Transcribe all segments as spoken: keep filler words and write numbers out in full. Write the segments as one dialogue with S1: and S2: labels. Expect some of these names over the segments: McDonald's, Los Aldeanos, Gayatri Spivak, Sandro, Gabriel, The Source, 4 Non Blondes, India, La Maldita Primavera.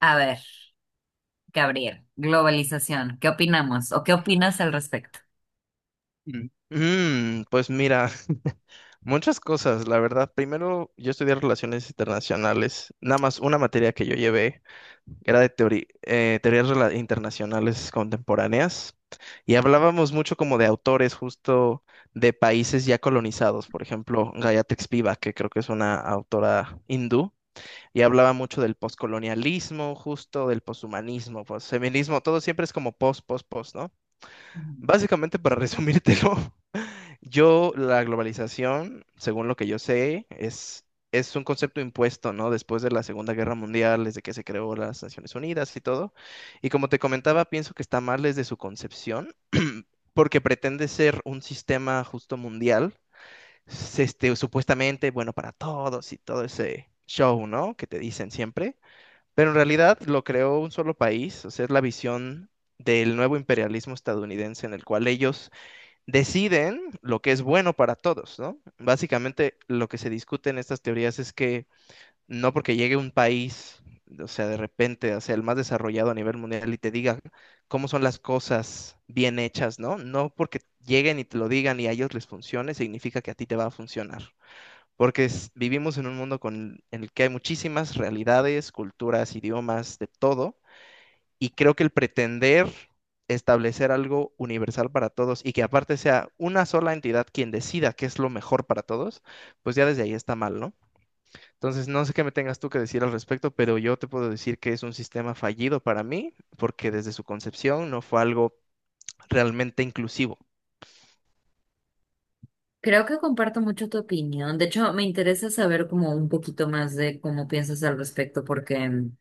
S1: A ver, Gabriel, globalización, ¿qué opinamos o qué opinas al respecto?
S2: Mm. Mm, pues mira, muchas cosas, la verdad. Primero, yo estudié relaciones internacionales. Nada más una materia que yo llevé era de teoría, teorías rela- internacionales contemporáneas. Y hablábamos mucho como de autores justo de países ya colonizados, por ejemplo, Gayatri Spivak, que creo que es una autora hindú, y hablaba mucho del poscolonialismo, justo del poshumanismo, posfeminismo, todo siempre es como post, post, post, ¿no?
S1: Ujú.
S2: Básicamente, para resumírtelo, yo, la globalización, según lo que yo sé, es, es un concepto impuesto, ¿no? Después de la Segunda Guerra Mundial, desde que se creó las Naciones Unidas y todo. Y como te comentaba, pienso que está mal desde su concepción, porque pretende ser un sistema justo mundial, s- este, supuestamente bueno para todos y todo ese show, ¿no? Que te dicen siempre. Pero en realidad lo creó un solo país, o sea, es la visión del nuevo imperialismo estadounidense en el cual ellos deciden lo que es bueno para todos, ¿no? Básicamente lo que se discute en estas teorías es que no porque llegue un país, o sea, de repente, o sea, el más desarrollado a nivel mundial y te diga cómo son las cosas bien hechas, ¿no? No porque lleguen y te lo digan y a ellos les funcione, significa que a ti te va a funcionar. Porque es- vivimos en un mundo con, en el que hay muchísimas realidades, culturas, idiomas, de todo, y creo que el pretender establecer algo universal para todos y que aparte sea una sola entidad quien decida qué es lo mejor para todos, pues ya desde ahí está mal, ¿no? Entonces, no sé qué me tengas tú que decir al respecto, pero yo te puedo decir que es un sistema fallido para mí, porque desde su concepción no fue algo realmente inclusivo.
S1: Creo que comparto mucho tu opinión. De hecho, me interesa saber como un poquito más de cómo piensas al respecto, porque, mm,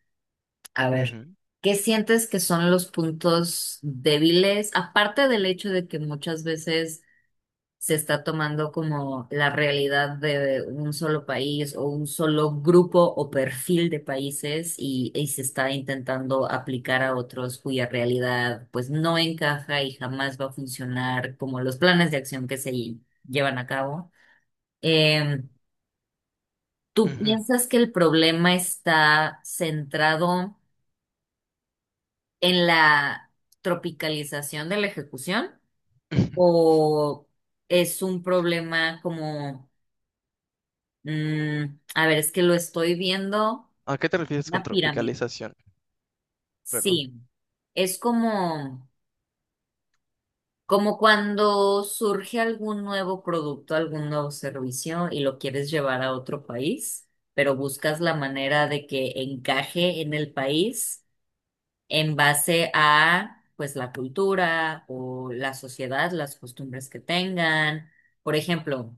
S1: a ver,
S2: Ujú,
S1: ¿qué sientes que son los puntos débiles? Aparte del hecho de que muchas veces se está tomando como la realidad de un solo país o un solo grupo o perfil de países y, y se está intentando aplicar a otros cuya realidad pues no encaja y jamás va a funcionar como los planes de acción que se llevan a cabo. Em, ¿Tú
S2: ujú,
S1: piensas que el problema está centrado en la tropicalización de la ejecución
S2: ujú.
S1: o es un problema como... Mm, a ver, es que lo estoy viendo.
S2: ¿A qué te refieres con
S1: Una pirámide.
S2: tropicalización? Perdón.
S1: Sí. Es como, como cuando surge algún nuevo producto, algún nuevo servicio y lo quieres llevar a otro país, pero buscas la manera de que encaje en el país en base a, pues, la cultura o la sociedad, las costumbres que tengan. Por ejemplo,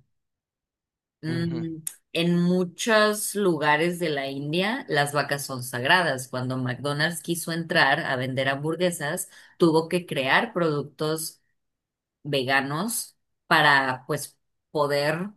S2: Ujú,
S1: Mm, en muchos lugares de la India, las vacas son sagradas. Cuando McDonald's quiso entrar a vender hamburguesas, tuvo que crear productos veganos para pues poder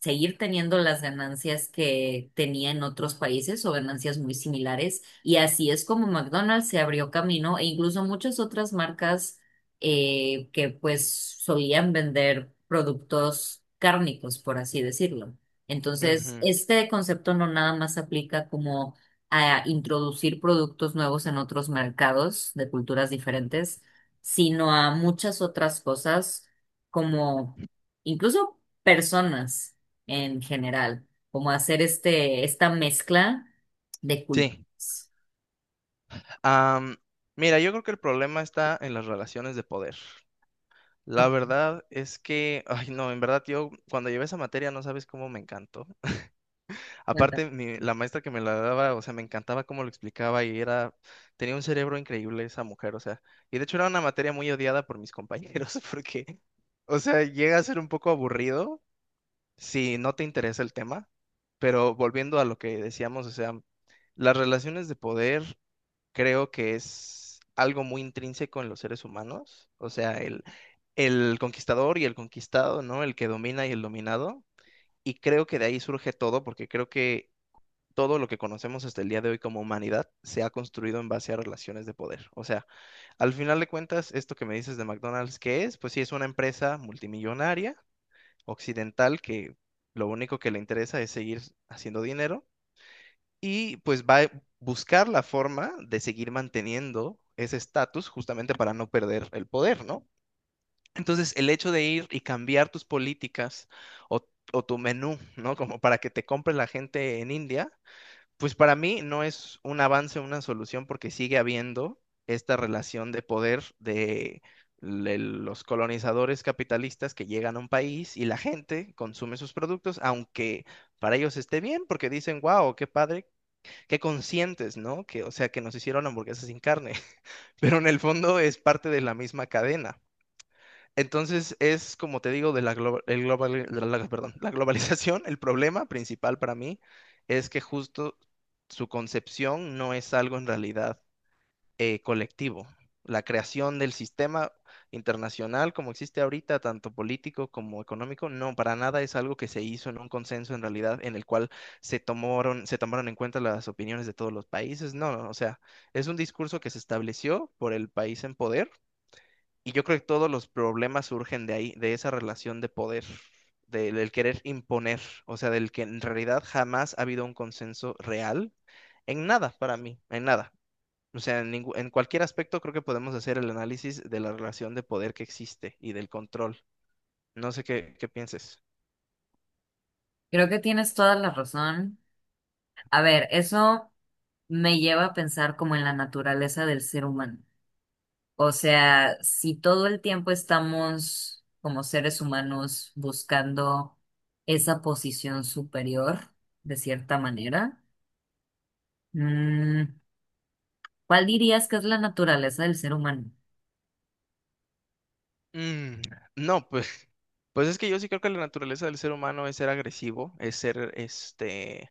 S1: seguir teniendo las ganancias que tenía en otros países o ganancias muy similares. Y así es como McDonald's se abrió camino e incluso muchas otras marcas eh, que pues solían vender productos cárnicos, por así decirlo. Entonces,
S2: ujú.
S1: este concepto no nada más aplica como a introducir productos nuevos en otros mercados de culturas diferentes, sino a muchas otras cosas como incluso personas en general, como hacer este, esta mezcla de
S2: Sí.
S1: culturas.
S2: Am, mira, yo creo que el problema está en las relaciones de poder. La
S1: Oh,
S2: verdad es que, ay no, en verdad yo cuando llevé esa materia no sabes cómo me encantó.
S1: cuenta.
S2: Aparte, mi- la maestra que me la daba, o sea, me encantaba cómo lo explicaba y era, tenía un cerebro increíble esa mujer, o sea, y de hecho era una materia muy odiada por mis compañeros porque, o sea, llega a ser un poco aburrido si no te interesa el tema, pero volviendo a lo que decíamos, o sea, las relaciones de poder creo que es algo muy intrínseco en los seres humanos, o sea, el, el conquistador y el conquistado, ¿no? El que domina y el dominado, y creo que de ahí surge todo, porque creo que todo lo que conocemos hasta el día de hoy como humanidad se ha construido en base a relaciones de poder. O sea, al final de cuentas, esto que me dices de McDonald's, ¿qué es? Pues sí, es una empresa multimillonaria, occidental, que lo único que le interesa es seguir haciendo dinero, y pues va a buscar la forma de seguir manteniendo ese estatus justamente para no perder el poder, ¿no? Entonces, el hecho de ir y cambiar tus políticas o, o tu menú, ¿no? Como para que te compre la gente en India, pues para mí no es un avance, una solución, porque sigue habiendo esta relación de poder de le- los colonizadores capitalistas que llegan a un país y la gente consume sus productos, aunque para ellos esté bien, porque dicen, wow, qué padre, qué conscientes, ¿no? Que, o sea, que nos hicieron hamburguesas sin carne, pero en el fondo es parte de la misma cadena. Entonces es, como te digo, de la, glo- el global, la- la- perdón, la globalización, el problema principal para mí es que justo su concepción no es algo en realidad eh, colectivo. La creación del sistema internacional como existe ahorita, tanto político como económico, no, para nada es algo que se hizo en un consenso en realidad, en el cual se tomaron, se tomaron en cuenta las opiniones de todos los países. No, no, o sea, es un discurso que se estableció por el país en poder, y yo creo que todos los problemas surgen de ahí, de esa relación de poder. del del querer imponer, o sea, del que en realidad jamás ha habido un consenso real en nada para mí, en nada. O sea, en, ningú- en cualquier aspecto creo que podemos hacer el análisis de la relación de poder que existe y del control. No sé qué, qué pienses.
S1: Creo que tienes toda la razón. A ver, eso me lleva a pensar como en la naturaleza del ser humano. O sea, si todo el tiempo estamos como seres humanos buscando esa posición superior, de cierta manera, mm, ¿cuál dirías que es la naturaleza del ser humano?
S2: Mm, no, pues, pues es que yo sí creo que la naturaleza del ser humano es ser agresivo, es ser, este,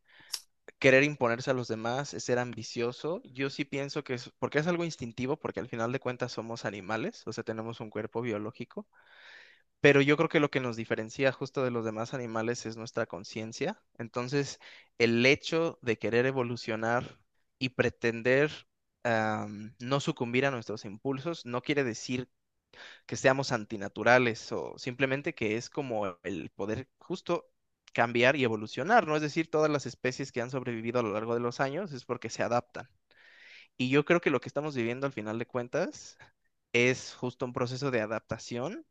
S2: querer imponerse a los demás, es ser ambicioso. Yo sí pienso que es, porque es algo instintivo, porque al final de cuentas somos animales, o sea, tenemos un cuerpo biológico. Pero yo creo que lo que nos diferencia justo de los demás animales es nuestra conciencia. Entonces, el hecho de querer evolucionar y pretender am, no sucumbir a nuestros impulsos no quiere decir que seamos antinaturales o simplemente que es como el poder justo cambiar y evolucionar, ¿no? Es decir, todas las especies que han sobrevivido a lo largo de los años es porque se adaptan. Y yo creo que lo que estamos viviendo al final de cuentas es justo un proceso de adaptación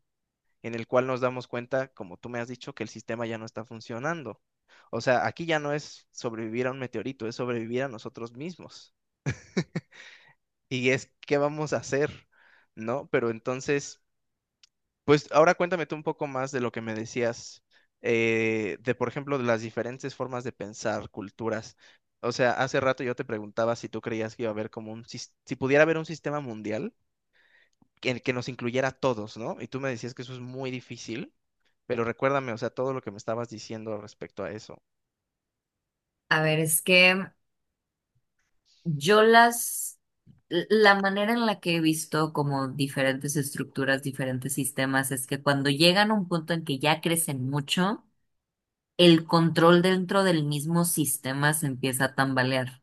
S2: en el cual nos damos cuenta, como tú me has dicho, que el sistema ya no está funcionando. O sea, aquí ya no es sobrevivir a un meteorito, es sobrevivir a nosotros mismos. Y es qué vamos a hacer, ¿no? Pero entonces, pues ahora cuéntame tú un poco más de lo que me decías, eh, de por ejemplo, de las diferentes formas de pensar, culturas. O sea, hace rato yo te preguntaba si tú creías que iba a haber como un, sis- si pudiera haber un sistema mundial que, que nos incluyera a todos, ¿no? Y tú me decías que eso es muy difícil. Pero recuérdame, o sea, todo lo que me estabas diciendo respecto a eso.
S1: A ver, es que... Yo las, la manera en la que he visto como diferentes estructuras, diferentes sistemas, es que cuando llegan a un punto en que ya crecen mucho, el control dentro del mismo sistema se empieza a tambalear.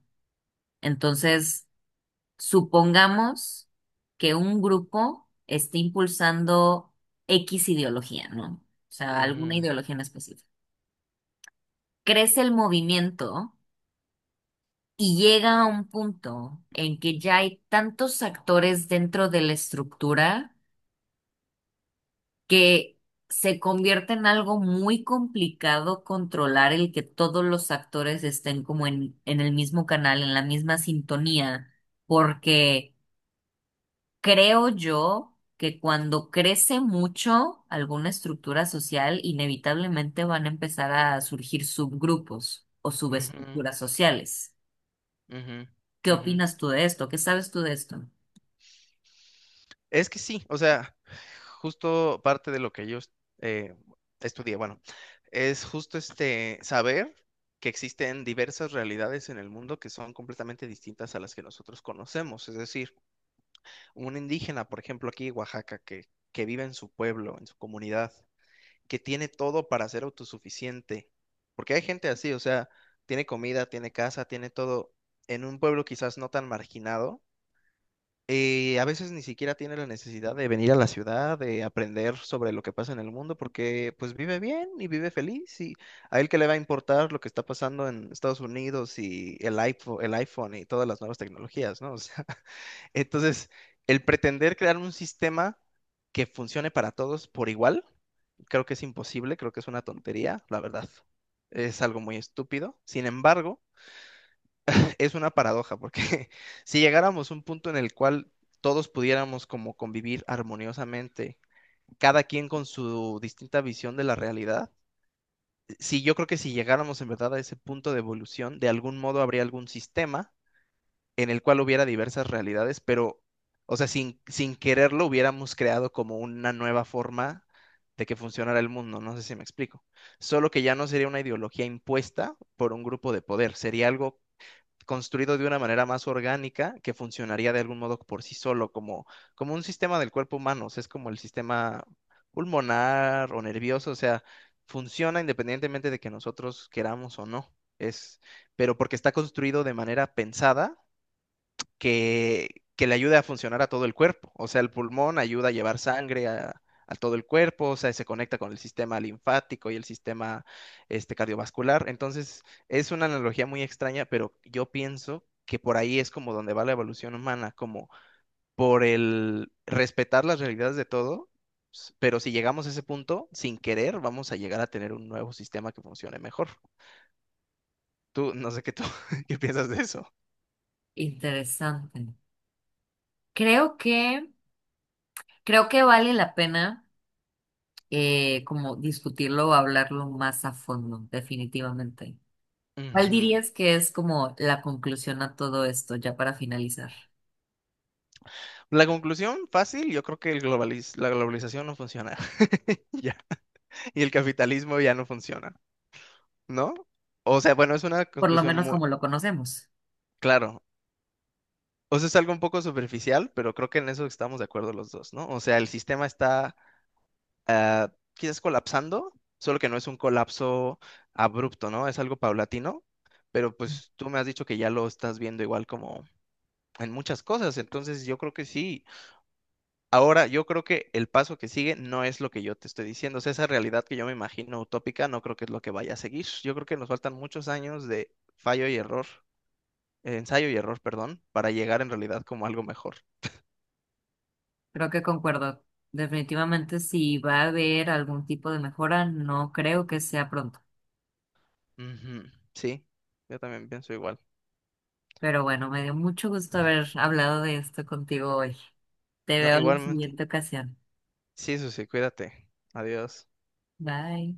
S1: Entonces, supongamos que un grupo esté impulsando X ideología, ¿no? O sea, alguna
S2: Ujú,
S1: ideología en específico. Crece el movimiento y llega a un punto en que ya hay tantos actores dentro de la estructura que se convierte en algo muy complicado controlar el que todos los actores estén como en, en el mismo canal, en la misma sintonía, porque creo yo que cuando crece mucho alguna estructura social, inevitablemente van a empezar a surgir subgrupos o
S2: ujú,
S1: subestructuras sociales.
S2: ujú,
S1: ¿Qué
S2: ujú.
S1: opinas tú de esto? ¿Qué sabes tú de esto?
S2: Es que sí, o sea, justo parte de lo que yo eh, estudié, bueno, es justo este saber que existen diversas realidades en el mundo que son completamente distintas a las que nosotros conocemos. Es decir, un indígena, por ejemplo, aquí en Oaxaca, que, que vive en su pueblo, en su comunidad, que tiene todo para ser autosuficiente. Porque hay gente así, o sea, tiene comida, tiene casa, tiene todo en un pueblo quizás no tan marginado. Eh, a veces ni siquiera tiene la necesidad de venir a la ciudad, de aprender sobre lo que pasa en el mundo, porque pues vive bien y vive feliz, y a él que le va a importar lo que está pasando en Estados Unidos y el iPhone, el iPhone y todas las nuevas tecnologías, ¿no? O sea, entonces, el pretender crear un sistema que funcione para todos por igual, creo que es imposible, creo que es una tontería, la verdad. Es algo muy estúpido. Sin embargo, es una paradoja, porque si llegáramos a un punto en el cual todos pudiéramos como convivir armoniosamente, cada quien con su distinta visión de la realidad, si yo creo que si llegáramos en verdad a ese punto de evolución, de algún modo habría algún sistema en el cual hubiera diversas realidades, pero, o sea, sin, sin quererlo hubiéramos creado como una nueva forma de que funcionara el mundo, no sé si me explico. Solo que ya no sería una ideología impuesta por un grupo de poder, sería algo construido de una manera más orgánica que funcionaría de algún modo por sí solo, como, como un sistema del cuerpo humano, o sea, es como el sistema pulmonar o nervioso, o sea, funciona independientemente de que nosotros queramos o no. Es, pero porque está construido de manera pensada que, que le ayude a funcionar a todo el cuerpo. O sea, el pulmón ayuda a llevar sangre a, a todo el cuerpo, o sea, se conecta con el sistema linfático y el sistema este, cardiovascular. Entonces, es una analogía muy extraña, pero yo pienso que por ahí es como donde va la evolución humana, como por el respetar las realidades de todo. s- Pero si llegamos a ese punto, sin querer, vamos a llegar a tener un nuevo sistema que funcione mejor. Tú, no sé qué tú, qué piensas de eso.
S1: Interesante. Creo que, creo que vale la pena eh, como discutirlo o hablarlo más a fondo, definitivamente. ¿Cuál
S2: Ujú.
S1: dirías que es como la conclusión a todo esto, ya para finalizar?
S2: La conclusión fácil, yo creo que el globaliz- la globalización no funciona ya, y el capitalismo ya no funciona, ¿no? O sea, bueno, es una
S1: Por lo
S2: conclusión
S1: menos
S2: muy,
S1: como lo conocemos.
S2: claro, o sea, es algo un poco superficial, pero creo que en eso estamos de acuerdo los dos, ¿no? O sea, el sistema está ah, quizás colapsando, solo que no es un colapso abrupto, ¿no? Es algo paulatino, pero pues tú me has dicho que ya lo estás viendo igual como en muchas cosas, entonces yo creo que sí. Ahora, yo creo que el paso que sigue no es lo que yo te estoy diciendo, o sea, esa realidad que yo me imagino utópica no creo que es lo que vaya a seguir. Yo creo que nos faltan muchos años de fallo y error, eh, ensayo y error, perdón, para llegar en realidad como algo mejor.
S1: Creo que concuerdo. Definitivamente, si va a haber algún tipo de mejora, no creo que sea pronto.
S2: Ujú, sí, yo también pienso igual.
S1: Pero bueno, me dio mucho gusto haber hablado de esto contigo hoy. Te
S2: No,
S1: veo en la
S2: igualmente.
S1: siguiente ocasión.
S2: Sí, Susi, cuídate. Adiós.
S1: Bye.